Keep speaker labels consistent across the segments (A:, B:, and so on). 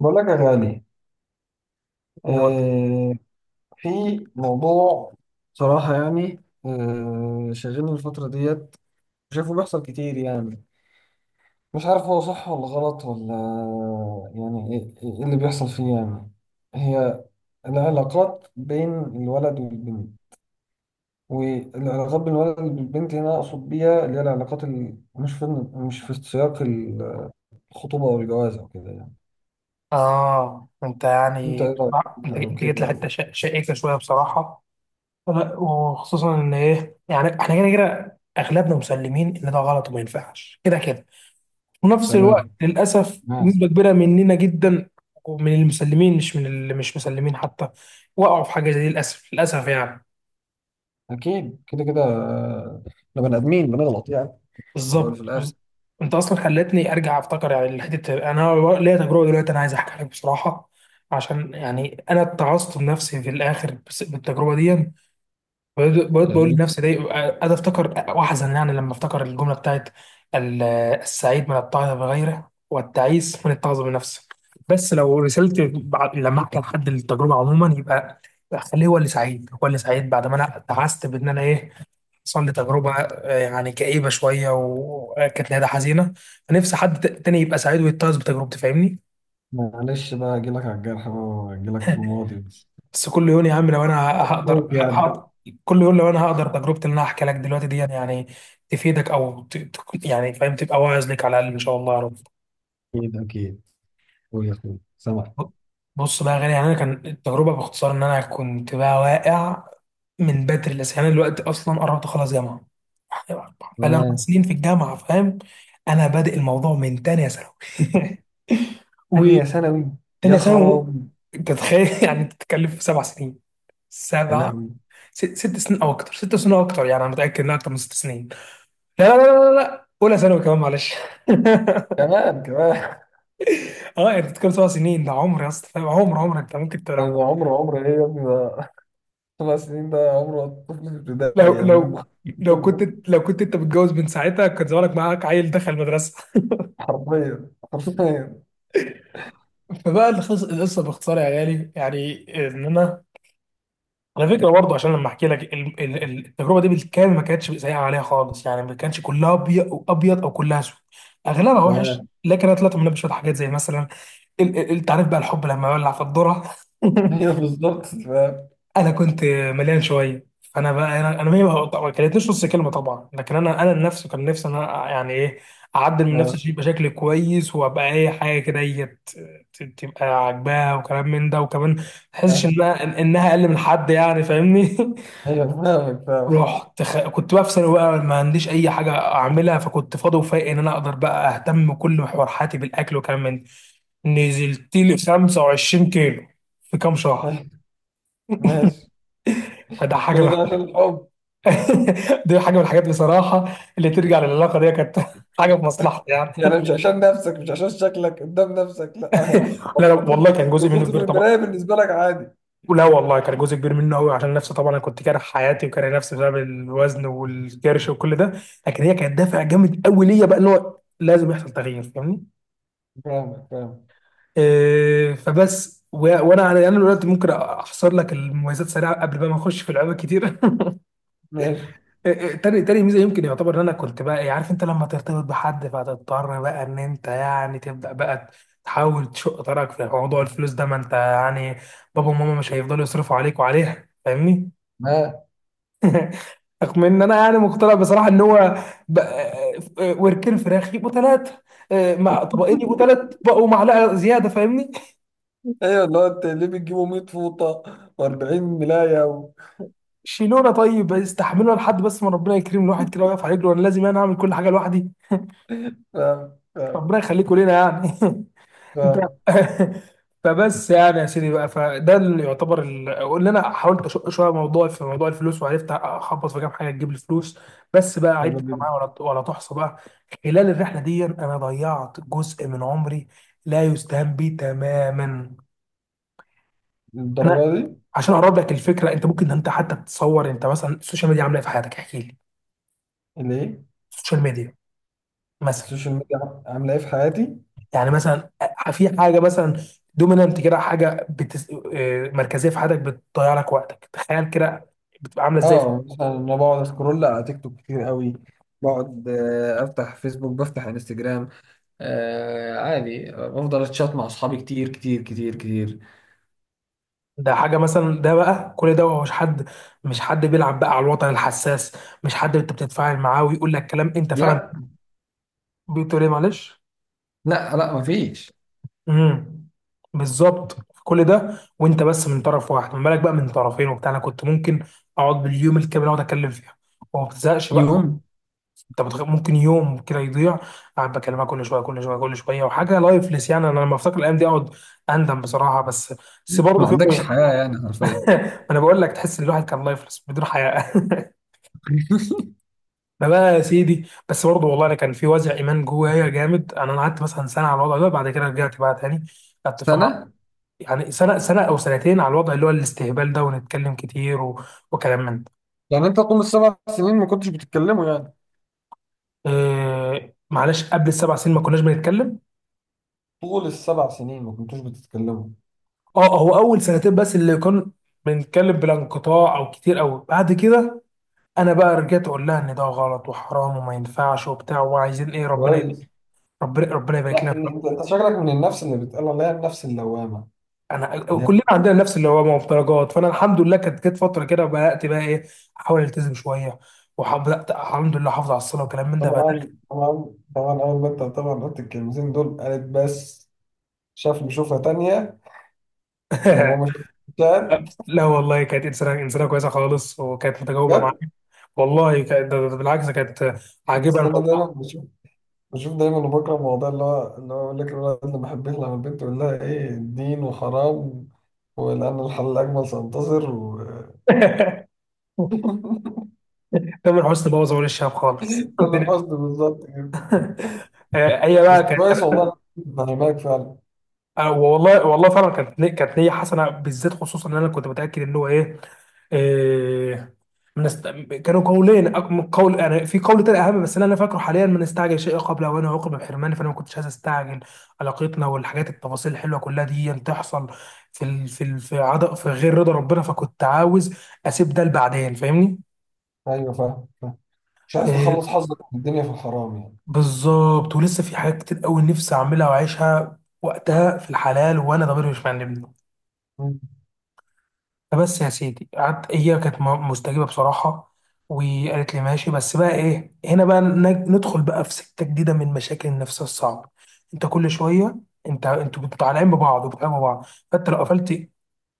A: بقول لك يا غالي.
B: أمور.
A: آه، في موضوع، صراحة يعني شاغلني الفترة ديت، شايفه بيحصل كتير يعني. مش عارف هو صح ولا غلط ولا، يعني إيه اللي بيحصل فيه يعني. هي العلاقات بين الولد والبنت. والعلاقات بين الولد والبنت هنا أقصد بيها اللي هي العلاقات اللي مش في سياق الخطوبة أو الجواز أو كده يعني.
B: آه، أنت
A: أنت
B: يعني
A: إيه رأيك؟
B: أنت
A: أو
B: أنت جيت
A: كده
B: لحتة
A: أو...
B: شائكة شوية بصراحة. لا، وخصوصا إن إيه يعني إحنا كده كده أغلبنا مسلمين إن ده غلط وما ينفعش كده كده. في نفس الوقت
A: تمام.
B: للأسف نسبة كبيرة مننا جدا، ومن المسلمين مش من اللي مش مسلمين حتى، وقعوا في حاجة زي دي، للأسف للأسف يعني.
A: أكيد كده كده، آه، إحنا بني آدمين بنغلط يعني، في الأول وفي
B: بالظبط.
A: الآخر
B: انت اصلا خلتني ارجع افتكر يعني الحته. انا ليا تجربه دلوقتي، انا عايز احكي لك بصراحه، عشان يعني انا اتعظت بنفسي في الاخر بالتجربه دي. بقيت بقول
A: يعني.
B: لنفسي دي قاعد افتكر واحزن، يعني لما افتكر الجمله بتاعت ال- السعيد من التعظ بغيره والتعيس من التعظ بنفسه. بس لو رسلت لما احكي لحد التجربه عموما، يبقى خليه هو اللي سعيد، هو اللي سعيد بعد ما انا اتعست، بان انا ايه، حصل لي تجربة، آه، يعني كئيبة شوية وكانت نهايتها حزينة. فنفسي حد تاني يبقى سعيد ويتعظ بتجربتي، فاهمني.
A: معلش بقى أجيلك على الجرح بقى وأجيلك في الماضي بس.
B: بس كل يوم يا عم، لو أنا هقدر
A: أخوك يعني.
B: هقدر كل يوم، لو أنا هقدر تجربتي اللي أنا هحكي لك دلوقتي دي يعني تفيدك يعني فاهم، تبقى واعظ ليك على الأقل إن شاء الله يا رب.
A: أكيد أكيد. قول يا أخوي، سامع.
B: بص بقى يا غالي، يعني أنا كان التجربة باختصار إن أنا كنت بقى واقع من بدري لسه. يعني أنا دلوقتي أصلا قربت أخلص جامعة، بقالي أربع
A: تمام.
B: سنين في الجامعة، فاهم. أنا بادئ الموضوع من تانية ثانوي.
A: تانية ثانوي؟ يا
B: تانية ثانوي.
A: خرابي.
B: انت تخيل. يعني بتتكلم في 7 سنين.
A: يا
B: سبع
A: لهوي.
B: 6 سنين او اكتر، 6 سنين او اكتر، يعني انا متاكد انها اكتر من 6 سنين. لا لا لا لا لا، اولى ثانوي كمان، معلش.
A: كمان كمان.
B: اه انت بتتكلم 7 سنين، ده عمر يا اسطى، فاهم، عمر عمر. انت ممكن
A: ده
B: لو
A: عمر عمر إيه يا ابني ده؟ 5 سنين ده عمر الطفل في ابتدائي
B: لو
A: يعني، من
B: لو
A: مخ-.
B: لو كنت لو كنت انت متجوز من ساعتها كان زمانك معاك عيل دخل المدرسه.
A: حرفيا حرفيا.
B: فبقى القصه باختصار يا غالي، يعني ان انا على فكره برضه، عشان لما احكي لك التجربه دي بالكامل، ما كانتش سيئه عليها خالص يعني، ما كانش كلها ابيض او كلها اسود. اغلبها وحش،
A: تمام.
B: لكن انا طلعت منها بشويه حاجات، زي مثلا انت عارف بقى الحب لما يولع في الذره.
A: هي بالظبط، فاهم.
B: انا كنت مليان شويه، فانا بقى، انا ما طبعاً ما كلتنيش نص كلمه طبعا، لكن انا نفسي، كان نفسي انا يعني ايه، اعدل من نفسي
A: آه،
B: شيء بشكل كويس، وابقى اي حاجه كده هي تبقى عاجباها، وكلام من ده، وكمان ما تحسش
A: آه،
B: انها انها اقل من حد، يعني فاهمني.
A: هي فاهمك، فاهم.
B: رحت كنت بقى في ثانوي بقى، ما عنديش اي حاجه اعملها، فكنت فاضي وفايق ان انا اقدر بقى اهتم بكل محور حياتي بالاكل وكلام من ده. نزلت لي 25 كيلو في كام شهر،
A: ماشي.
B: فده حاجه
A: كل
B: من
A: ده عشان الحب؟
B: دي حاجه من الحاجات بصراحه اللي ترجع للعلاقه دي، كانت حاجه في مصلحتي يعني.
A: يعني مش عشان نفسك، مش عشان شكلك قدام نفسك؟ لا. لو
B: لا لا
A: بصت
B: والله،
A: في...
B: كان جزء
A: لو
B: منه
A: بصت في
B: كبير طبعا.
A: المراية بالنسبة لك عادي؟
B: لا والله، كان جزء كبير منه قوي عشان نفسي طبعا، انا كنت كاره حياتي وكاره نفسي بسبب الوزن والكرش وكل ده، لكن هي كانت دافع جامد قوي ليا بقى ان هو لازم يحصل تغيير، فاهمني.
A: فاهمك، فاهم.
B: إيه، فبس وانا انا أنا دلوقتي ممكن احصر لك المميزات سريعه قبل بقى ما اخش في لعبه كتير.
A: ماشي.
B: إيه، إيه، تاني ميزه، يمكن يعتبر ان انا كنت بقى إيه، عارف انت لما ترتبط بحد، فتضطر بقى ان انت يعني تبدا بقى تحاول تشق طريقك في موضوع الفلوس ده، ما انت يعني بابا وماما مش هيفضلوا يصرفوا عليك وعليها، فاهمني.
A: ها.
B: رغم ان انا يعني مقتنع بصراحه ان هو بقى- وركين فراخ يبقوا ثلاثه، مع طبقين يبقوا ثلاث بقوا معلقه زياده، فاهمني.
A: ايوه، اللي هو انت ليه بتجيبوا 100 فوطة و40 ملاية و...
B: شيلونا طيب، استحملونا لحد بس ما ربنا يكرم الواحد كده ويقف على رجله، وانا لازم انا اعمل كل حاجه لوحدي،
A: فاهم، فاهم،
B: ربنا يخليكوا لينا يعني. انت.
A: فاهم.
B: فبس يعني يا سيدي بقى، فده اللي يعتبر قلنا انا حاولت اشق شويه موضوعي في موضوع الفلوس، وعرفت اخبط في كام حاجه تجيب لي فلوس. بس بقى عد
A: حلو
B: بقى
A: جدا.
B: معايا، ولا تحصى بقى. خلال الرحله دي انا ضيعت جزء من عمري لا يستهان به تماما. انا
A: الدرجة دي؟
B: عشان اقرب لك الفكره، انت ممكن حتى تتصور، انت مثلا السوشيال ميديا عامله ايه في حياتك، احكي لي.
A: اللي ايه؟
B: السوشيال ميديا مثلا،
A: السوشيال ميديا عاملة ايه في حياتي؟
B: يعني مثلا في حاجه مثلا دومينانت كده، حاجه آه، مركزيه في حياتك بتضيع لك وقتك، تخيل كده بتبقى عامله ازاي في.
A: اه، مثلا انا بقعد اسكرول على تيك توك كتير قوي. بقعد، آه، افتح فيسبوك، بفتح انستجرام. آه، عادي، بفضل اتشات مع اصحابي كتير كتير كتير كتير.
B: ده حاجه مثلا، ده بقى كل ده هو مش حد بيلعب بقى على الوطن الحساس، مش حد انت بتتفاعل معاه ويقول لك كلام انت فعلا
A: لا.
B: بتقول ايه، معلش.
A: لا، لا مفيش.
B: امم بالظبط. كل ده وانت بس من طرف واحد، ما بالك بقى من طرفين وبتاع، انا كنت ممكن اقعد باليوم الكامل اقعد اتكلم فيها وما بتزهقش بقى.
A: يوم.
B: انت ممكن يوم كده يضيع قاعد بكلمها كل شويه كل شويه كل شويه، وحاجه لايفلس يعني، انا لما افتكر الايام دي اقعد اندم بصراحه، بس بس برضه
A: ما
B: في
A: عندكش
B: بوينت.
A: حياة يعني حرفيا.
B: انا بقول لك، تحس ان الواحد كان لايفلس بدون حياه. ما بقى يا سيدي، بس برضه والله، انا كان في وزع ايمان جوايا جامد، انا قعدت مثلا سنه على الوضع ده، بعد كده رجعت بقى تاني قعدت فمع،
A: سنة.
B: يعني سنه او سنتين، على الوضع اللي هو الاستهبال ده، ونتكلم كتير وكلام من ده.
A: يعني انت طول السبع سنين ما كنتش بتتكلموا يعني؟
B: معلش، قبل ال 7 سنين ما كناش بنتكلم.
A: طول السبع سنين ما كنتوش بتتكلموا؟
B: اه، هو اول سنتين بس اللي كان بنتكلم بلا انقطاع او كتير قوي. بعد كده انا بقى رجعت اقول لها ان ده غلط وحرام وما ينفعش وبتاع، وعايزين ايه، ربنا
A: كويس.
B: ربنا ربنا يبارك لنا
A: لا، إن
B: بقى.
A: انت شكلك من النفس اللي بتقال عليها النفس اللوامة،
B: انا
A: اللي هي...
B: كلنا عندنا نفس اللي هو مفترجات، فانا الحمد لله كانت جت فتره كده بدات بقى ايه احاول التزم شويه، وبدات الحمد لله احافظ على الصلاه وكلام من ده بقى.
A: طبعا طبعا طبعا. اول ما انت طبعا قلت الكلمتين دول قالت بس، شاف لي شوفها تانية. وماما شافت.
B: لا والله، كانت انسانه كويسه خالص، وكانت متجاوبه
A: جد؟
B: معايا. والله كانت ده- ده- ده بالعكس كانت عاجبها
A: اصل انا دايما
B: الموضوع.
A: بشوف، بشوف دايما، وبكره الموضوع اللي هو يقول لك الولد اللي ما بحبش، لما البنت يقول لها ايه دين وحرام. ولأن الحل الأجمل سينتصر و...
B: تامر حسني بوظ اول الشهاب خالص،
A: ده الحزن بالظبط كده.
B: آه، هي
A: بس
B: بقى
A: كويس، والله أنا فاهمك فعلا.
B: آه، والله والله فعلا كانت كانت نيه حسنه، بالذات خصوصا ان انا كنت متاكد ان هو ايه، آه، كانوا قولين من قول، يعني في قول تاني اهم بس اللي انا فاكره حاليا، من استعجل شيء قبل اوانه، وعوقب بحرمانه، فانا ما كنتش عايز استعجل علاقتنا، والحاجات التفاصيل الحلوه كلها دي تحصل في ال... في ال... في عد... في غير رضا ربنا، فكنت عاوز اسيب ده لبعدين، فاهمني.
A: أيوه فاهم، فاهم. مش عايز
B: آه،
A: تخلص حظك من الدنيا في الحرام يعني.
B: بالظبط، ولسه في حاجات كتير قوي نفسي اعملها واعيشها وقتها في الحلال وانا ضميري مش معنبني.
A: مم.
B: فبس يا سيدي، قعدت هي كانت مستجيبه بصراحه، وقالت لي ماشي. بس بقى ايه، هنا بقى ندخل بقى في سكه جديده من مشاكل النفس الصعبه. انت كل شويه، انتوا بتبقوا طالعين ببعض وبتحبوا بعض، فانت لو قفلت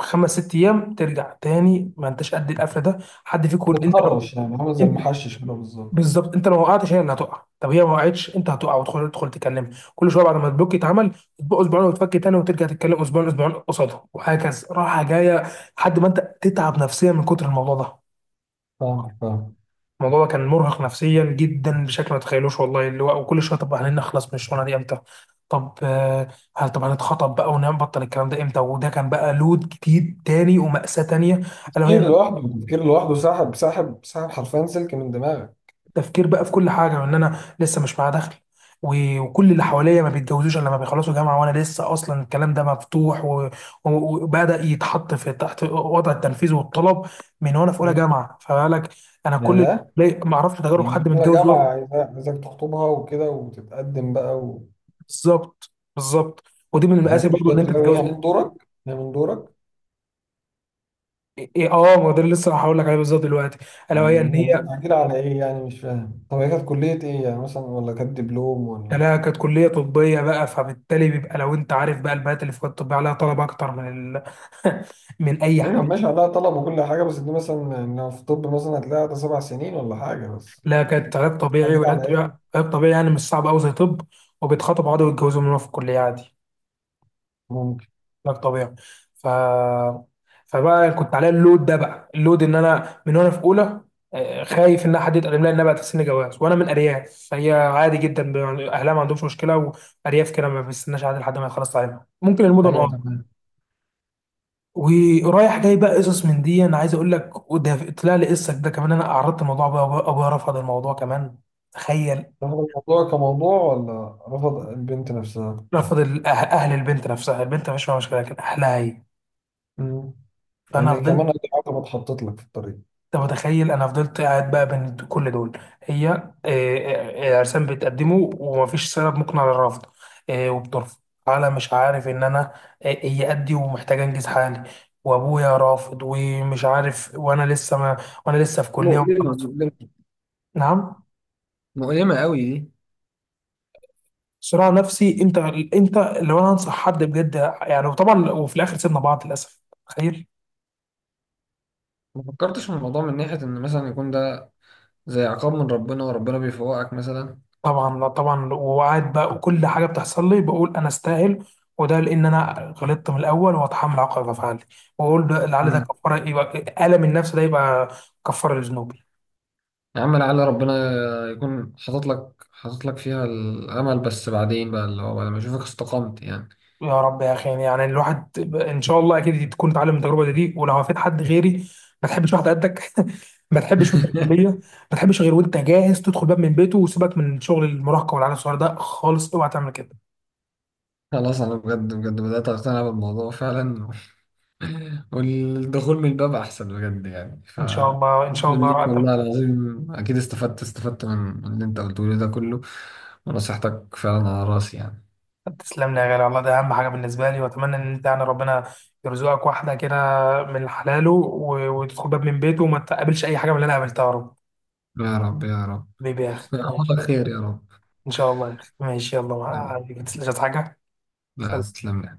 B: 5 6 ايام ترجع تاني، ما انتش قد القفله ده، حد فيكم. انت لو
A: بتهرش، يعني عامل زي
B: انت
A: المحشش كده بالظبط.
B: بالظبط، انت لو وقعتش هي اللي هتقع، طب هي ما وقعتش انت هتقع، وتدخل تكلمها كل شويه بعد ما البلوك يتعمل، تبقى اسبوعين وتفك تاني وترجع تتكلم اسبوعين، اسبوعين قصادها وهكذا، راحه جايه، لحد ما انت تتعب نفسيا من كتر الموضوع ده.
A: فاهمك، فاهم.
B: الموضوع ده كان مرهق نفسيا جدا بشكل ما تتخيلوش، والله، اللي هو وكل شويه، طب هنخلص من الشغلانه دي امتى، طب آه، هل، طب هنتخطب بقى ونبطل الكلام ده امتى، وده كان بقى لود جديد تاني ومأساة تانية. الا
A: التفكير
B: وهي
A: لوحده، التفكير لوحده ساحب ساحب ساحب حرفيا سلك من دماغك.
B: تفكير بقى في كل حاجه، وان انا لسه مش معايا دخل، وكل اللي حواليا ما بيتجوزوش الا لما بيخلصوا جامعه، وانا لسه اصلا الكلام ده مفتوح وبدا يتحط في تحت وضع التنفيذ والطلب من وانا في اولى
A: مم.
B: جامعه، فبالك. انا
A: يا
B: كل
A: ده.
B: اللي ما اعرفش تجارب
A: يعني
B: حد
A: يا
B: متجوز
A: جماعة عايزاك عايزاك تخطبها وكده وتتقدم بقى.
B: بالظبط بالظبط. ودي من المقاسي
A: لا مش
B: برضو ان انت
A: بدري أوي،
B: تتجوز.
A: هي من دورك، هي من دورك.
B: إيه اه، ما هو ده اللي لسه هقول لك عليه بالظبط دلوقتي، الا وهي
A: مم.
B: ان
A: هي
B: هي.
A: مستعجلة على إيه يعني؟ مش فاهم. طب هي كانت كلية إيه يعني مثلا، ولا كانت دبلوم ولا...
B: لا، كانت كليه طبيه بقى، فبالتالي بيبقى لو انت عارف بقى البنات اللي في الكليه الطبيه عليها طلب اكتر من ال... من اي
A: أيوة
B: حاجه.
A: ماشي، عليها طلب وكل حاجة، بس دي مثلا يعني لو في طب مثلا هتلاقيها ده 7 سنين ولا حاجة، بس...
B: لا، كانت علاج طبيعي،
A: مستعجلة
B: والعلاج
A: على
B: طبيعي،
A: إيه؟
B: علاج طبيعي يعني مش صعب قوي زي طب، وبيتخطبوا عادي ويتجوزوا من هو في الكليه عادي،
A: ممكن.
B: علاج طبيعي. ف فبقى كنت عليا اللود ده بقى، اللود ان انا من وانا في اولى، آه، خايف ان حد يتقدم لي، انها بقى سن جواز، وانا من ارياف فهي عادي جدا يعني اهلها ما عندهمش مشكله، وارياف كده ما بيستناش عادي لحد ما يخلص تعليمها، ممكن المدن
A: أيوة
B: اه.
A: تمام.
B: ورايح جاي بقى قصص من دي انا عايز اقول لك، وده طلع لي قصه ده كمان، انا عرضت الموضوع ابويا، أبويا رفض الموضوع كمان، تخيل.
A: رفض الموضوع كموضوع ولا رفض البنت نفسها؟
B: رفض اهل البنت، نفسها البنت مفيش فيها مشكله، لكن اهلها هي.
A: مم.
B: فانا
A: يعني
B: فضلت،
A: كمان أدي عقبة اتحطت لك في الطريق.
B: انت متخيل، انا فضلت قاعد بقى بين كل دول، هي آه، آه، آه، عرسان بتقدمه ومفيش سبب مقنع للرفض، آه، وبترفض على مش عارف، ان انا آه، هي قدي ومحتاج انجز حالي، وابويا رافض ومش عارف، وانا لسه ما وانا لسه في كليه
A: مؤلمة
B: ومخلص.
A: مؤلمة.
B: نعم.
A: مؤلمة قوي دي.
B: صراع نفسي انت لو انا انصح حد بجد يعني، وطبعا وفي الاخر سيبنا بعض للاسف، تخيل.
A: ما فكرتش في الموضوع من ناحية إن مثلا يكون ده زي عقاب من ربنا وربنا بيفوقك مثلا؟
B: طبعا، لا طبعا، وقعد بقى وكل حاجه بتحصل لي بقول انا استاهل، وده لان انا غلطت من الاول واتحمل عقاب افعالي، واقول ده لعل ده
A: مم.
B: كفاره، يبقى الم النفس ده يبقى كفاره لذنوبي.
A: يا عم لعل ربنا يكون حاطط لك، حاطط لك فيها الامل، بس بعدين بقى اللي هو بعد ما اشوفك استقمت يعني.
B: يا رب يا اخي، يعني الواحد ان شاء الله اكيد تكون اتعلم من التجربه دي ولو هفيد حد غيري. ما تحبش واحد قدك، ما تحبش وانت في الكليه، ما تحبش غير وانت جاهز تدخل باب من بيته، وسيبك من شغل المراهقه والعيال الصغيره ده خالص، اوعى تعمل كده.
A: خلاص، انا بجد بجد بدات اقتنع بالموضوع فعلا. والدخول من الباب احسن بجد يعني ف...
B: ان شاء الله ان شاء
A: أتمنى
B: الله.
A: ليك والله العظيم، اكيد استفدت استفدت من اللي انت قلته لي ده كله، ونصيحتك فعلا على راسي يعني.
B: تسلم لي يا غالي، والله ده اهم حاجه بالنسبه لي، واتمنى ان انت يعني ربنا يرزقك واحده كده من حلاله، وتدخل باب من بيته، وما تقابلش اي حاجه من اللي انا قابلتها يا رب.
A: يا رب يا رب.
B: حبيبي يا اخي،
A: يعوضك
B: ماشي.
A: خير يا رب.
B: ان شاء الله يا اخي، ماشي، يلا ما
A: يا رب.
B: عليك، ما تسلمش عايز حاجه.
A: لا،
B: سلام.
A: تسلم لي.